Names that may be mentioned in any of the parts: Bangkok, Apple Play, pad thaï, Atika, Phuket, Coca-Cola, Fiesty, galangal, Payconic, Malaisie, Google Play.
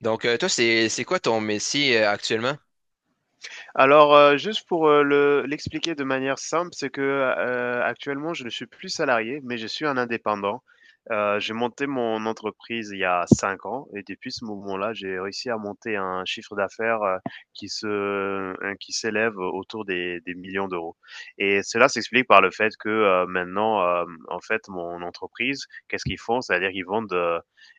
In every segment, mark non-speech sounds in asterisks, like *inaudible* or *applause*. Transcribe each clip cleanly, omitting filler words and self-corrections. Donc, toi, c'est quoi ton métier actuellement? Juste pour, le l'expliquer de manière simple, c'est que, actuellement, je ne suis plus salarié, mais je suis un indépendant. J'ai monté mon entreprise il y a 5 ans et depuis ce moment-là, j'ai réussi à monter un chiffre d'affaires qui s'élève autour des millions d'euros. Et cela s'explique par le fait que, maintenant, en fait, mon entreprise, qu'est-ce qu'ils font? C'est-à-dire qu'ils vendent,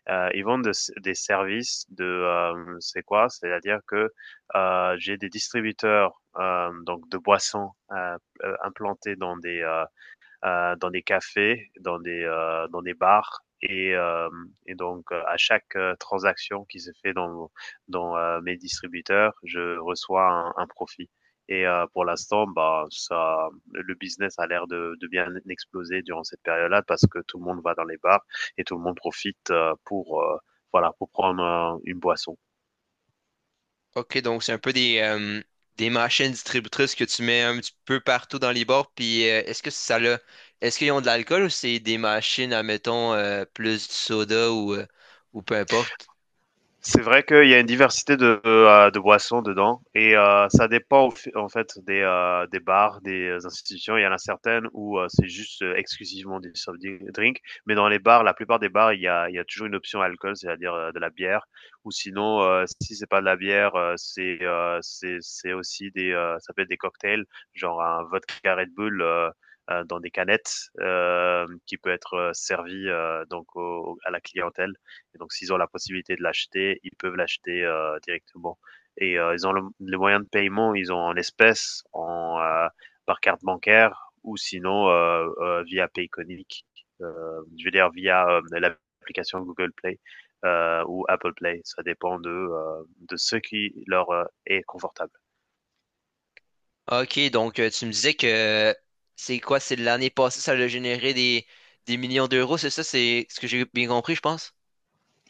ils vendent de des services de. C'est quoi? C'est-à-dire que, j'ai des distributeurs donc de boissons, implantés dans des cafés, dans des bars et donc à chaque transaction qui se fait dans mes distributeurs, je reçois un profit. Et pour l'instant, bah ça, le business a l'air de bien exploser durant cette période-là parce que tout le monde va dans les bars et tout le monde profite, pour voilà, pour prendre une boisson. OK, donc c'est un peu des machines distributrices que tu mets un petit peu partout dans les bars. Puis est-ce qu'ils ont de l'alcool ou c'est des machines, admettons, plus du soda ou peu importe? C'est vrai qu'il y a une diversité de boissons dedans, et ça dépend en fait des bars, des institutions. Il y en a certaines où c'est juste exclusivement des soft drinks, mais dans les bars, la plupart des bars, il y a toujours une option alcool, c'est-à-dire de la bière. Ou sinon, si c'est pas de la bière, c'est aussi des ça peut être des cocktails, genre un vodka Red Bull, dans des canettes, qui peut être servi, donc à la clientèle. Et donc, s'ils ont la possibilité de l'acheter, ils peuvent l'acheter directement. Et ils ont les moyens de paiement, ils ont en espèces, par carte bancaire, ou sinon via Payconic, je veux dire via l'application Google Play ou Apple Play. Ça dépend de ce qui leur est confortable. OK, donc tu me disais que c'est quoi? C'est l'année passée, ça a généré des millions d'euros, c'est ça? C'est ce que j'ai bien compris, je pense?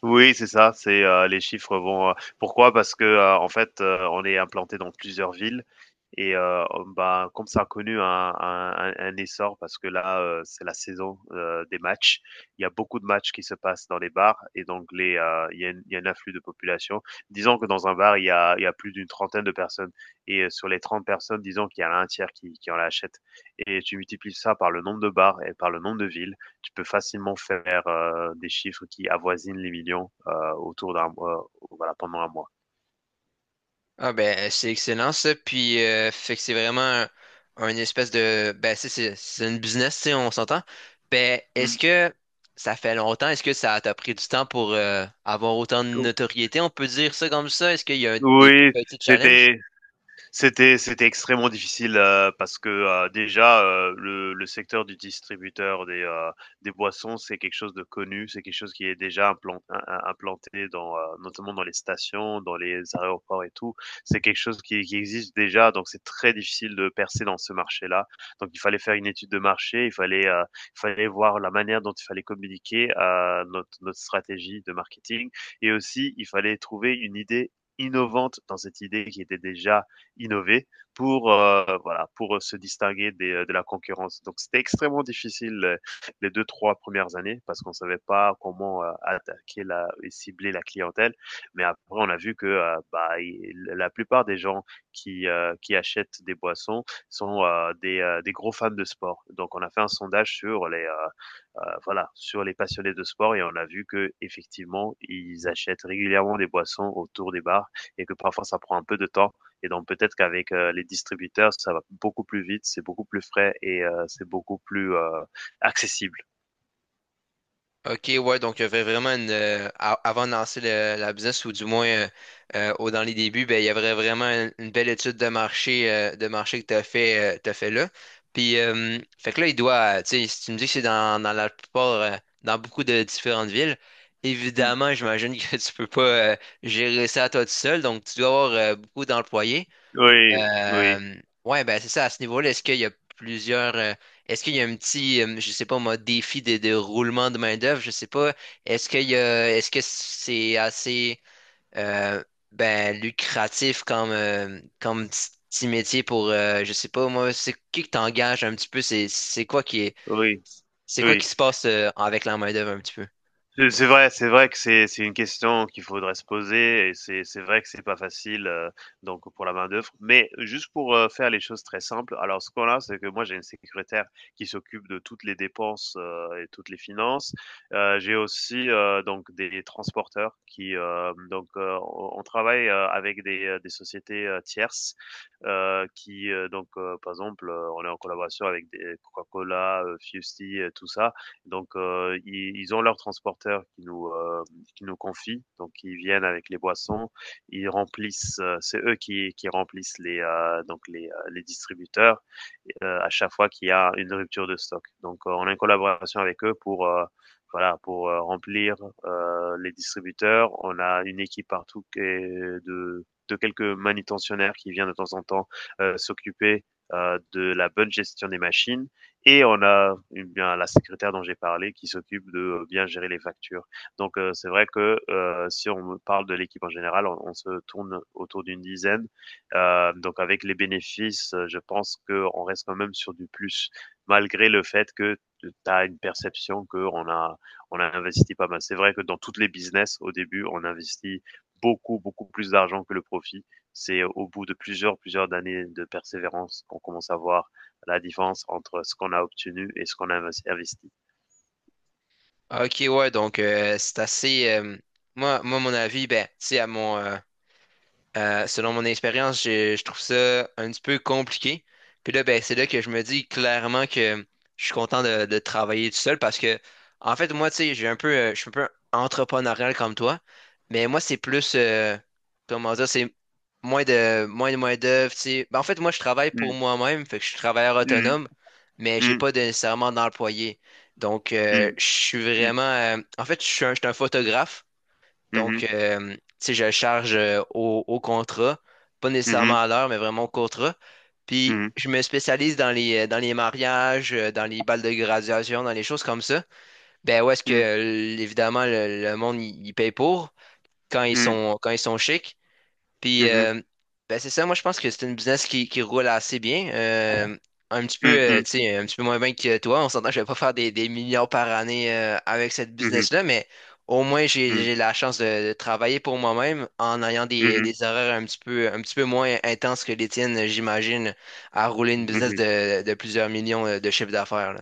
Oui, c'est ça. Les chiffres vont, pourquoi? Parce que, en fait, on est implanté dans plusieurs villes, et ben, comme ça a connu un essor parce que là, c'est la saison, des matchs. Il y a beaucoup de matchs qui se passent dans les bars, et donc il y a un afflux de population. Disons que dans un bar, il y a plus d'une trentaine de personnes, et sur les 30 personnes, disons qu'il y en a un tiers qui en achète, et tu multiplies ça par le nombre de bars et par le nombre de villes. Tu peux facilement faire des chiffres qui avoisinent les millions, autour d'un mois, voilà, pendant un mois. Ah ben c'est excellent ça. Puis fait que c'est vraiment un espèce de, ben c'est c'est une business, tu sais, on s'entend. Ben est-ce que ça fait longtemps, est-ce que ça t'a pris du temps pour avoir autant de notoriété, on peut dire ça comme ça? Est-ce qu'il y a des Oui, petits challenges? c'était c'était extrêmement difficile, parce que, déjà, le secteur du distributeur des boissons, c'est quelque chose de connu, c'est quelque chose qui est déjà implan im im implanté, notamment dans les stations, dans les aéroports et tout. C'est quelque chose qui existe déjà, donc c'est très difficile de percer dans ce marché-là. Donc il fallait faire une étude de marché, il fallait voir la manière dont il fallait communiquer notre stratégie de marketing, et aussi il fallait trouver une idée innovante dans cette idée qui était déjà innover pour, voilà, pour se distinguer de la concurrence. Donc c'était extrêmement difficile les deux trois premières années parce qu'on savait pas comment attaquer la et cibler la clientèle. Mais après, on a vu que bah, la plupart des gens qui achètent des boissons sont des gros fans de sport. Donc on a fait un sondage sur les voilà, sur les passionnés de sport, et on a vu que effectivement ils achètent régulièrement des boissons autour des bars, et que parfois ça prend un peu de temps, et donc peut-être qu'avec les distributeurs, ça va beaucoup plus vite, c'est beaucoup plus frais, et c'est beaucoup plus accessible. OK, ouais, donc il y avait vraiment une, a- avant de lancer la business, ou du moins dans les débuts, ben, il y avait vraiment une belle étude de marché, que tu as fait, t'as fait là. Puis, fait que là, tu sais, si tu me dis que c'est dans beaucoup de différentes villes, Mm. évidemment, j'imagine que *laughs* tu peux pas gérer ça à toi tout seul, donc tu dois avoir beaucoup d'employés. Oui, oui, Euh, ouais, ben c'est ça, à ce niveau-là, est-ce qu'il y a plusieurs. Est-ce qu'il y a je sais pas moi, défi de roulement de main-d'œuvre, je sais pas. Est-ce qu'il y a, est-ce que c'est assez euh, ben, lucratif comme petit métier pour je sais pas moi, c'est qui que t'engages un petit peu, oui, c'est quoi oui. qui se passe avec la main-d'œuvre un petit peu? C'est vrai que c'est une question qu'il faudrait se poser, et c'est vrai que c'est pas facile, donc pour la main-d'œuvre. Mais juste pour, faire les choses très simples, alors ce qu'on a, c'est que moi j'ai une secrétaire qui s'occupe de toutes les dépenses et toutes les finances. J'ai aussi, donc des transporteurs on travaille, avec des sociétés tierces, par exemple, on est en collaboration avec des Coca-Cola, Fiesty, tout ça. Donc, ils ont leurs transporteurs qui nous confient. Donc ils viennent avec les boissons. Ils c'est eux qui remplissent les distributeurs, à chaque fois qu'il y a une rupture de stock. Donc, on a une collaboration avec eux voilà, pour remplir les distributeurs. On a une équipe partout qui est de quelques manutentionnaires qui viennent de temps en temps s'occuper de la bonne gestion des machines, et on a, eh bien, la secrétaire dont j'ai parlé qui s'occupe de bien gérer les factures. Donc, c'est vrai que, si on me parle de l'équipe en général, on se tourne autour d'une dizaine. Donc avec les bénéfices, je pense qu'on reste quand même sur du plus, malgré le fait que tu as une perception qu'on a on a investi pas mal. C'est vrai que dans toutes les business, au début, on investit beaucoup, beaucoup plus d'argent que le profit. C'est au bout de plusieurs, plusieurs années de persévérance qu'on commence à voir la différence entre ce qu'on a obtenu et ce qu'on a investi. Ok, ouais, donc c'est assez. Moi, mon avis, ben, c'est à mon. Selon mon expérience, je trouve ça un petit peu compliqué. Puis là, ben, c'est là que je me dis clairement que je suis content de travailler tout seul parce que, en fait, moi, tu sais, je suis un peu entrepreneurial comme toi, mais moi, c'est plus, comment dire, c'est moins d'œuvre, tu sais. Ben, en fait, moi, je travaille pour moi-même, fait que je suis travailleur autonome, mais j'ai pas nécessairement d'employé. Donc, en fait, je suis un photographe. Donc, tu sais, je charge au contrat, pas nécessairement à l'heure, mais vraiment au contrat. Puis, je me spécialise dans les mariages, dans les balles de graduation, dans les choses comme ça. Ben, où est-ce que, évidemment, le monde, il paye pour quand ils sont chics. Puis, ben, c'est ça, moi, je pense que c'est une business qui roule assez bien. Un petit peu, tu sais, un petit peu moins bien que toi. On s'entend, que je vais pas faire des millions par année avec cette business-là, mais au moins, j'ai la chance de travailler pour moi-même en ayant des horaires un petit peu moins intenses que les tiennes, j'imagine, à rouler une business de plusieurs millions de chiffre d'affaires.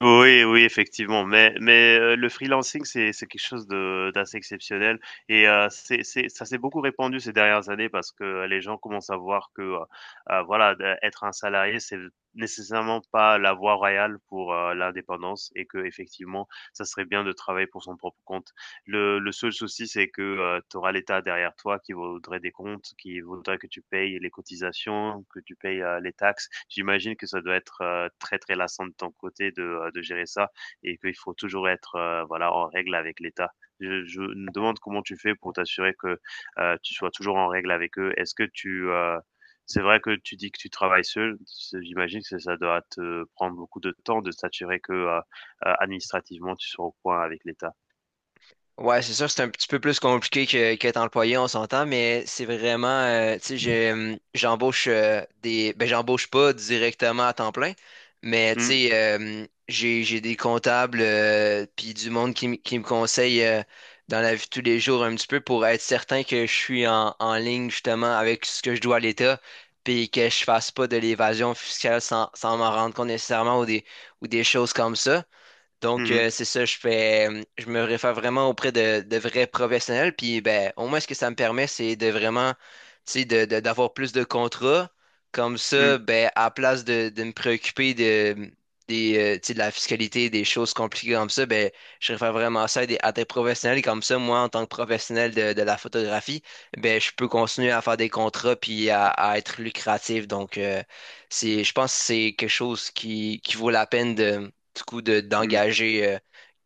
Oui, oui, effectivement, mais, le freelancing, c'est quelque chose de d'assez exceptionnel, et c'est ça, s'est beaucoup répandu ces dernières années parce que les gens commencent à voir que, voilà, de être un salarié, c'est nécessairement pas la voie royale pour, l'indépendance, et que effectivement, ça serait bien de travailler pour son propre compte. Le seul souci, c'est que, tu auras l'État derrière toi qui voudrait des comptes, qui voudrait que tu payes les cotisations, que tu payes, les taxes. J'imagine que ça doit être, très, très lassant de ton côté de gérer ça, et qu'il faut toujours être, voilà, en règle avec l'État. Je me demande comment tu fais pour t'assurer que, tu sois toujours en règle avec eux? C'est vrai que tu dis que tu travailles seul, ce j'imagine que ça doit te prendre beaucoup de temps de s'assurer que, administrativement, tu sois au point avec l'État. Ouais, c'est sûr, c'est un petit peu plus compliqué que qu'être employé, on s'entend, mais c'est vraiment, tu sais, j'embauche ben j'embauche pas directement à temps plein, mais tu Mmh. sais, j'ai des comptables puis du monde qui me conseille dans la vie de tous les jours un petit peu pour être certain que je suis en ligne justement avec ce que je dois à l'État, puis que je fasse pas de l'évasion fiscale sans m'en rendre compte nécessairement ou des choses comme ça. Donc, Mmh. C'est ça, je me réfère vraiment auprès de vrais professionnels. Puis, ben, au moins, ce que ça me permet, c'est de vraiment, tu sais, d'avoir plus de contrats. Comme Mmh. ça, ben, à place de me préoccuper tu sais, de la fiscalité, des choses compliquées comme ça, ben, je réfère vraiment ça à des professionnels. Et comme ça, moi, en tant que professionnel de la photographie, ben, je peux continuer à faire des contrats puis à être lucratif. Donc, je pense que c'est quelque chose qui vaut la peine du coup de Mmh. d'engager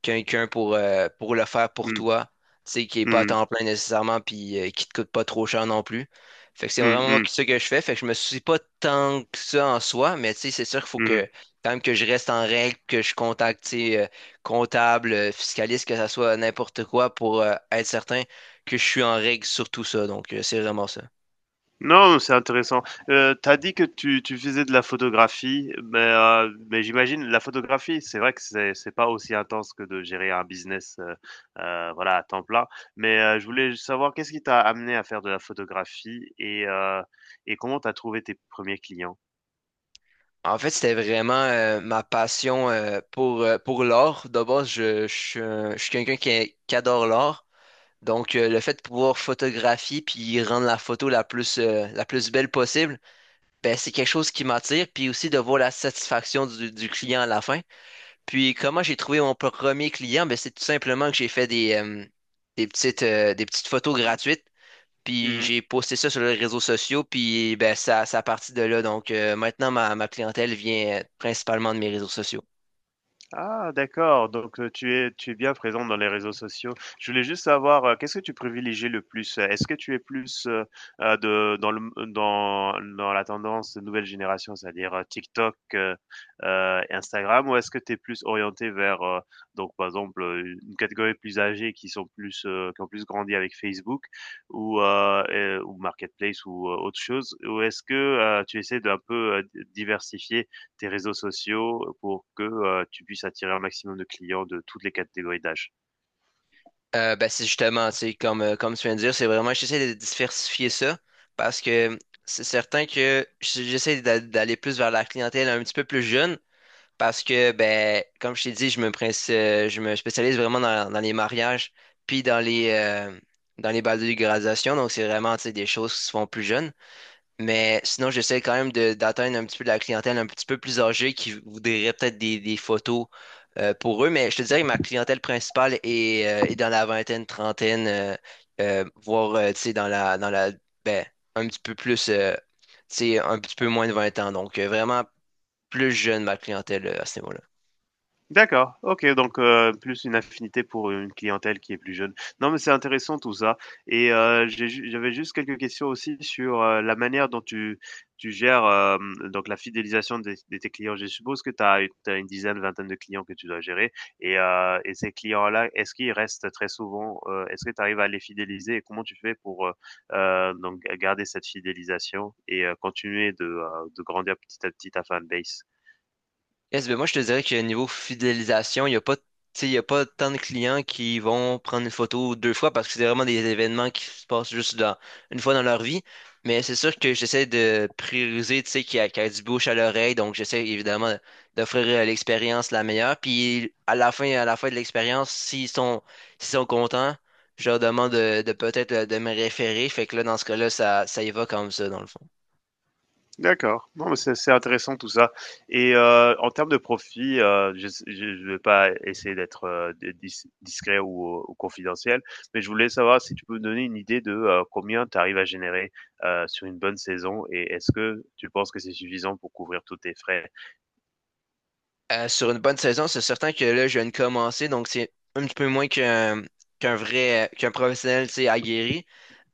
quelqu'un pour le faire pour Mmh. toi, tu sais, qui est pas à Mmh. temps plein nécessairement, puis qui te coûte pas trop cher non plus. Fait que c'est Mmh vraiment moi mh. Ce que je fais, fait que je me soucie pas tant que ça en soi, mais tu sais, c'est sûr qu'il faut Mmh. que quand même que je reste en règle, que je contacte, tu sais, comptable, fiscaliste, que ça soit n'importe quoi pour être certain que je suis en règle sur tout ça. Donc, c'est vraiment ça. Non, c'est intéressant. Tu as dit que tu faisais de la photographie, mais j'imagine la photographie, c'est vrai que c'est pas aussi intense que de gérer un business, voilà, à temps plein. Mais je voulais savoir qu'est-ce qui t'a amené à faire de la photographie et comment tu as trouvé tes premiers clients? En fait, c'était vraiment ma passion pour l'art. D'abord, je suis quelqu'un qui adore l'art. Donc, le fait de pouvoir photographier puis rendre la photo la plus belle possible, ben, c'est quelque chose qui m'attire. Puis aussi de voir la satisfaction du client à la fin. Puis, comment j'ai trouvé mon premier client? Ben, c'est tout simplement que j'ai fait des petites photos gratuites. Puis Mmh. j'ai posté ça sur les réseaux sociaux, puis ben, ça a parti de là. Donc maintenant, ma clientèle vient principalement de mes réseaux sociaux. Ah, d'accord, donc, tu es bien présent dans les réseaux sociaux. Je voulais juste savoir, qu'est-ce que tu privilégies le plus? Est-ce que tu es plus, de dans le dans dans la tendance de nouvelle génération, c'est-à-dire, TikTok, Instagram, ou est-ce que tu es plus orienté vers, donc par exemple, une catégorie plus âgée qui ont plus grandi avec Facebook, ou Marketplace, ou autre chose? Ou est-ce que, tu essaies d'un peu, diversifier tes réseaux sociaux pour que, tu puisses attirer un maximum de clients de toutes les catégories d'âge. Ben, c'est justement, tu sais, comme tu viens de dire, j'essaie de diversifier ça parce que c'est certain que j'essaie d'aller plus vers la clientèle un petit peu plus jeune parce que, ben, comme je t'ai dit, je me spécialise vraiment dans les mariages puis dans les bals de graduation. Donc, c'est vraiment, tu sais, des choses qui se font plus jeunes. Mais sinon, j'essaie quand même d'atteindre un petit peu de la clientèle un petit peu plus âgée qui voudrait peut-être des photos pour eux. Mais je te dirais que ma clientèle principale est dans la vingtaine, trentaine, voire tu sais, ben, un petit peu plus, tu sais, un petit peu moins de 20 ans. Donc vraiment plus jeune ma clientèle à ce niveau-là. D'accord, OK, donc, plus une affinité pour une clientèle qui est plus jeune. Non, mais c'est intéressant tout ça, et j'avais juste quelques questions aussi sur, la manière dont tu gères, donc la fidélisation des de tes clients. Je suppose que tu as une dizaine, vingtaine de clients que tu dois gérer, et ces clients-là, est-ce qu'ils restent très souvent? Est-ce que tu arrives à les fidéliser, et comment tu fais pour, donc garder cette fidélisation, et continuer de grandir petit à petit ta fanbase? Yes, ben moi je te dirais que niveau fidélisation, il n'y a pas, tu sais, il y a pas tant de clients qui vont prendre une photo deux fois parce que c'est vraiment des événements qui se passent juste une fois dans leur vie. Mais c'est sûr que j'essaie de prioriser, tu sais, qu'il y a du bouche à l'oreille. Donc j'essaie évidemment d'offrir l'expérience la meilleure. Puis à la fin de l'expérience, s'ils sont contents, je leur demande de me référer. Fait que là, dans ce cas-là, ça y va comme ça, dans le fond. D'accord. Non, mais c'est intéressant tout ça et en termes de profit, je ne vais pas essayer d'être, de dis discret ou confidentiel, mais je voulais savoir si tu peux me donner une idée de, combien tu arrives à générer, sur une bonne saison et est-ce que tu penses que c'est suffisant pour couvrir tous tes frais? Sur une bonne saison, c'est certain que là, je viens de commencer, donc c'est un petit peu moins qu'un professionnel, tu sais, aguerri.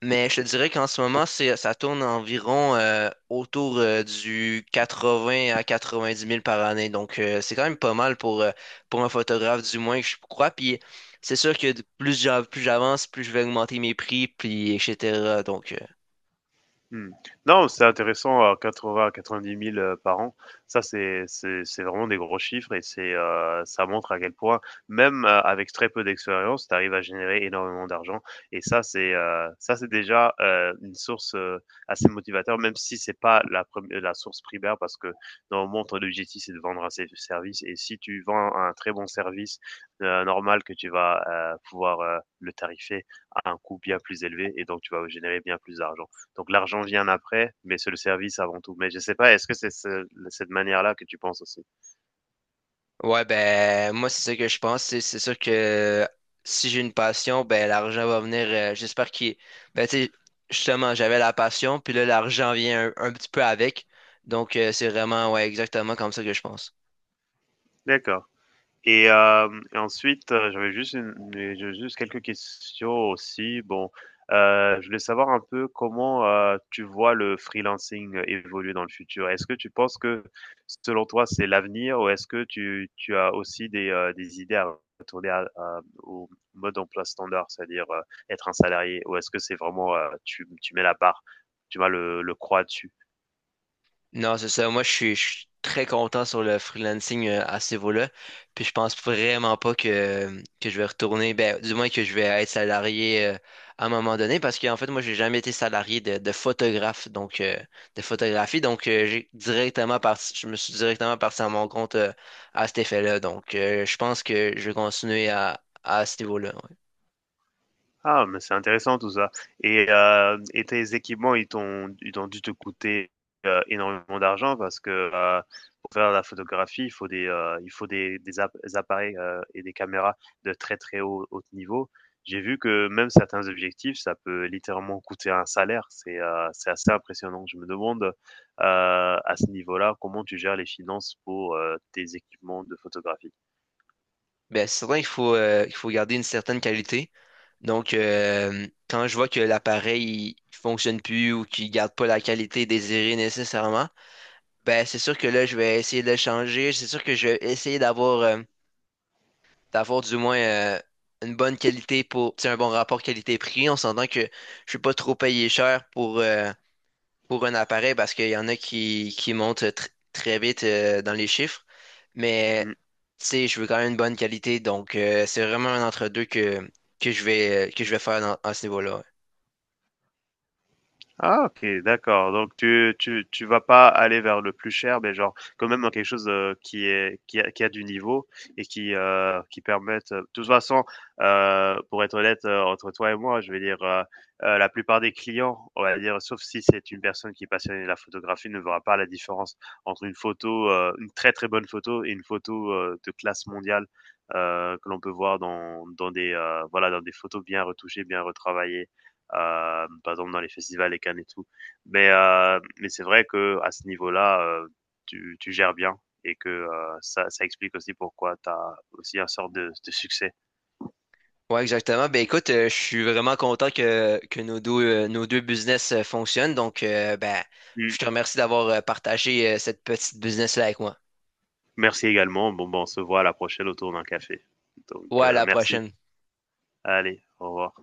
Mais je te dirais qu'en ce moment, ça tourne environ autour du 80 à 90 000 par année. Donc, c'est quand même pas mal pour un photographe, du moins, je crois. Puis, c'est sûr que plus plus j'avance, plus je vais augmenter mes prix, puis etc. Donc, Mmh. Non, c'est intéressant à 80 à 90 000, par an. Ça, c'est vraiment des gros chiffres et c'est, ça montre à quel point, même, avec très peu d'expérience, tu arrives à générer énormément d'argent et ça, c'est déjà, une source, assez motivateur, même si c'est pas la prem la source primaire parce que, normalement, ton objectif, c'est de vendre un sé service et si tu vends un très bon service, normal que tu vas, pouvoir, le tarifer à un coût bien plus élevé et donc tu vas générer bien plus d'argent. Donc l'argent vient après, mais c'est le service avant tout. Mais je sais pas, est-ce que c'est cette manière-là que tu penses aussi? ouais, ben moi c'est ça que je pense. C'est sûr que si j'ai une passion, ben l'argent va venir. J'espère qu'il. Ben tu sais, justement, j'avais la passion, puis là l'argent vient un petit peu avec. Donc c'est vraiment, ouais, exactement comme ça que je pense. D'accord. Et ensuite, j'ai juste quelques questions aussi. Bon, je voulais savoir un peu comment, tu vois le freelancing, évoluer dans le futur? Est-ce que tu penses que, selon toi, c'est l'avenir ou est-ce que tu as aussi des idées à retourner à au mode emploi standard? C'est-à-dire, être un salarié ou est-ce que c'est vraiment, tu mets la barre, tu vas le croix dessus? Non, c'est ça. Moi, je suis très content sur le freelancing à ce niveau-là. Puis je pense vraiment pas que je vais retourner, ben, du moins que je vais être salarié à un moment donné, parce qu'en fait, moi, j'ai jamais été salarié de photographe, donc de photographie. Donc, je me suis directement parti à mon compte à cet effet-là. Donc, je pense que je vais continuer à ce niveau-là. Ouais. Ah, mais c'est intéressant tout ça. Et tes équipements, ils ont dû te coûter, énormément d'argent parce que, pour faire la photographie, il faut des app des appareils, et des caméras de très, très haut niveau. J'ai vu que même certains objectifs, ça peut littéralement coûter un salaire. C'est assez impressionnant. Je me demande, à ce niveau-là, comment tu gères les finances pour, tes équipements de photographie? Ben, c'est certain qu'il faut garder une certaine qualité. Donc, quand je vois que l'appareil il fonctionne plus ou qu'il garde pas la qualité désirée nécessairement, ben, c'est sûr que là, je vais essayer de le changer. C'est sûr que je vais essayer d'avoir du moins une bonne qualité pour, tu sais, un bon rapport qualité-prix. On s'entend que je vais pas trop payer cher pour un appareil parce qu'il y en a qui montent très vite dans les chiffres. Mais Mmh. tu sais, je veux quand même une bonne qualité. Donc, c'est vraiment un entre-deux que je vais faire à ce niveau-là. Ah, OK, d'accord, donc tu vas pas aller vers le plus cher, mais genre quand même dans quelque chose, qui est qui a du niveau et qui permette de toute façon, pour être honnête, entre toi et moi, je vais dire, la plupart des clients, on va dire, sauf si c'est une personne qui est passionnée de la photographie, ne verra pas la différence entre une photo, une très, très bonne photo et une photo, de classe mondiale, que l'on peut voir dans des, voilà, dans des photos bien retouchées, bien retravaillées par exemple dans les festivals, les Cannes et tout. Mais c'est vrai que à ce niveau-là, tu gères bien et que ça, ça explique aussi pourquoi tu as aussi un sort de succès. Ouais, exactement. Ben écoute, je suis vraiment content que nos deux business fonctionnent. Donc, ben, Mm. je te remercie d'avoir partagé cette petite business-là avec moi. Merci également. Bon, bon, on se voit à la prochaine autour d'un café. Donc, Ouais, à la merci. prochaine. Allez, au revoir.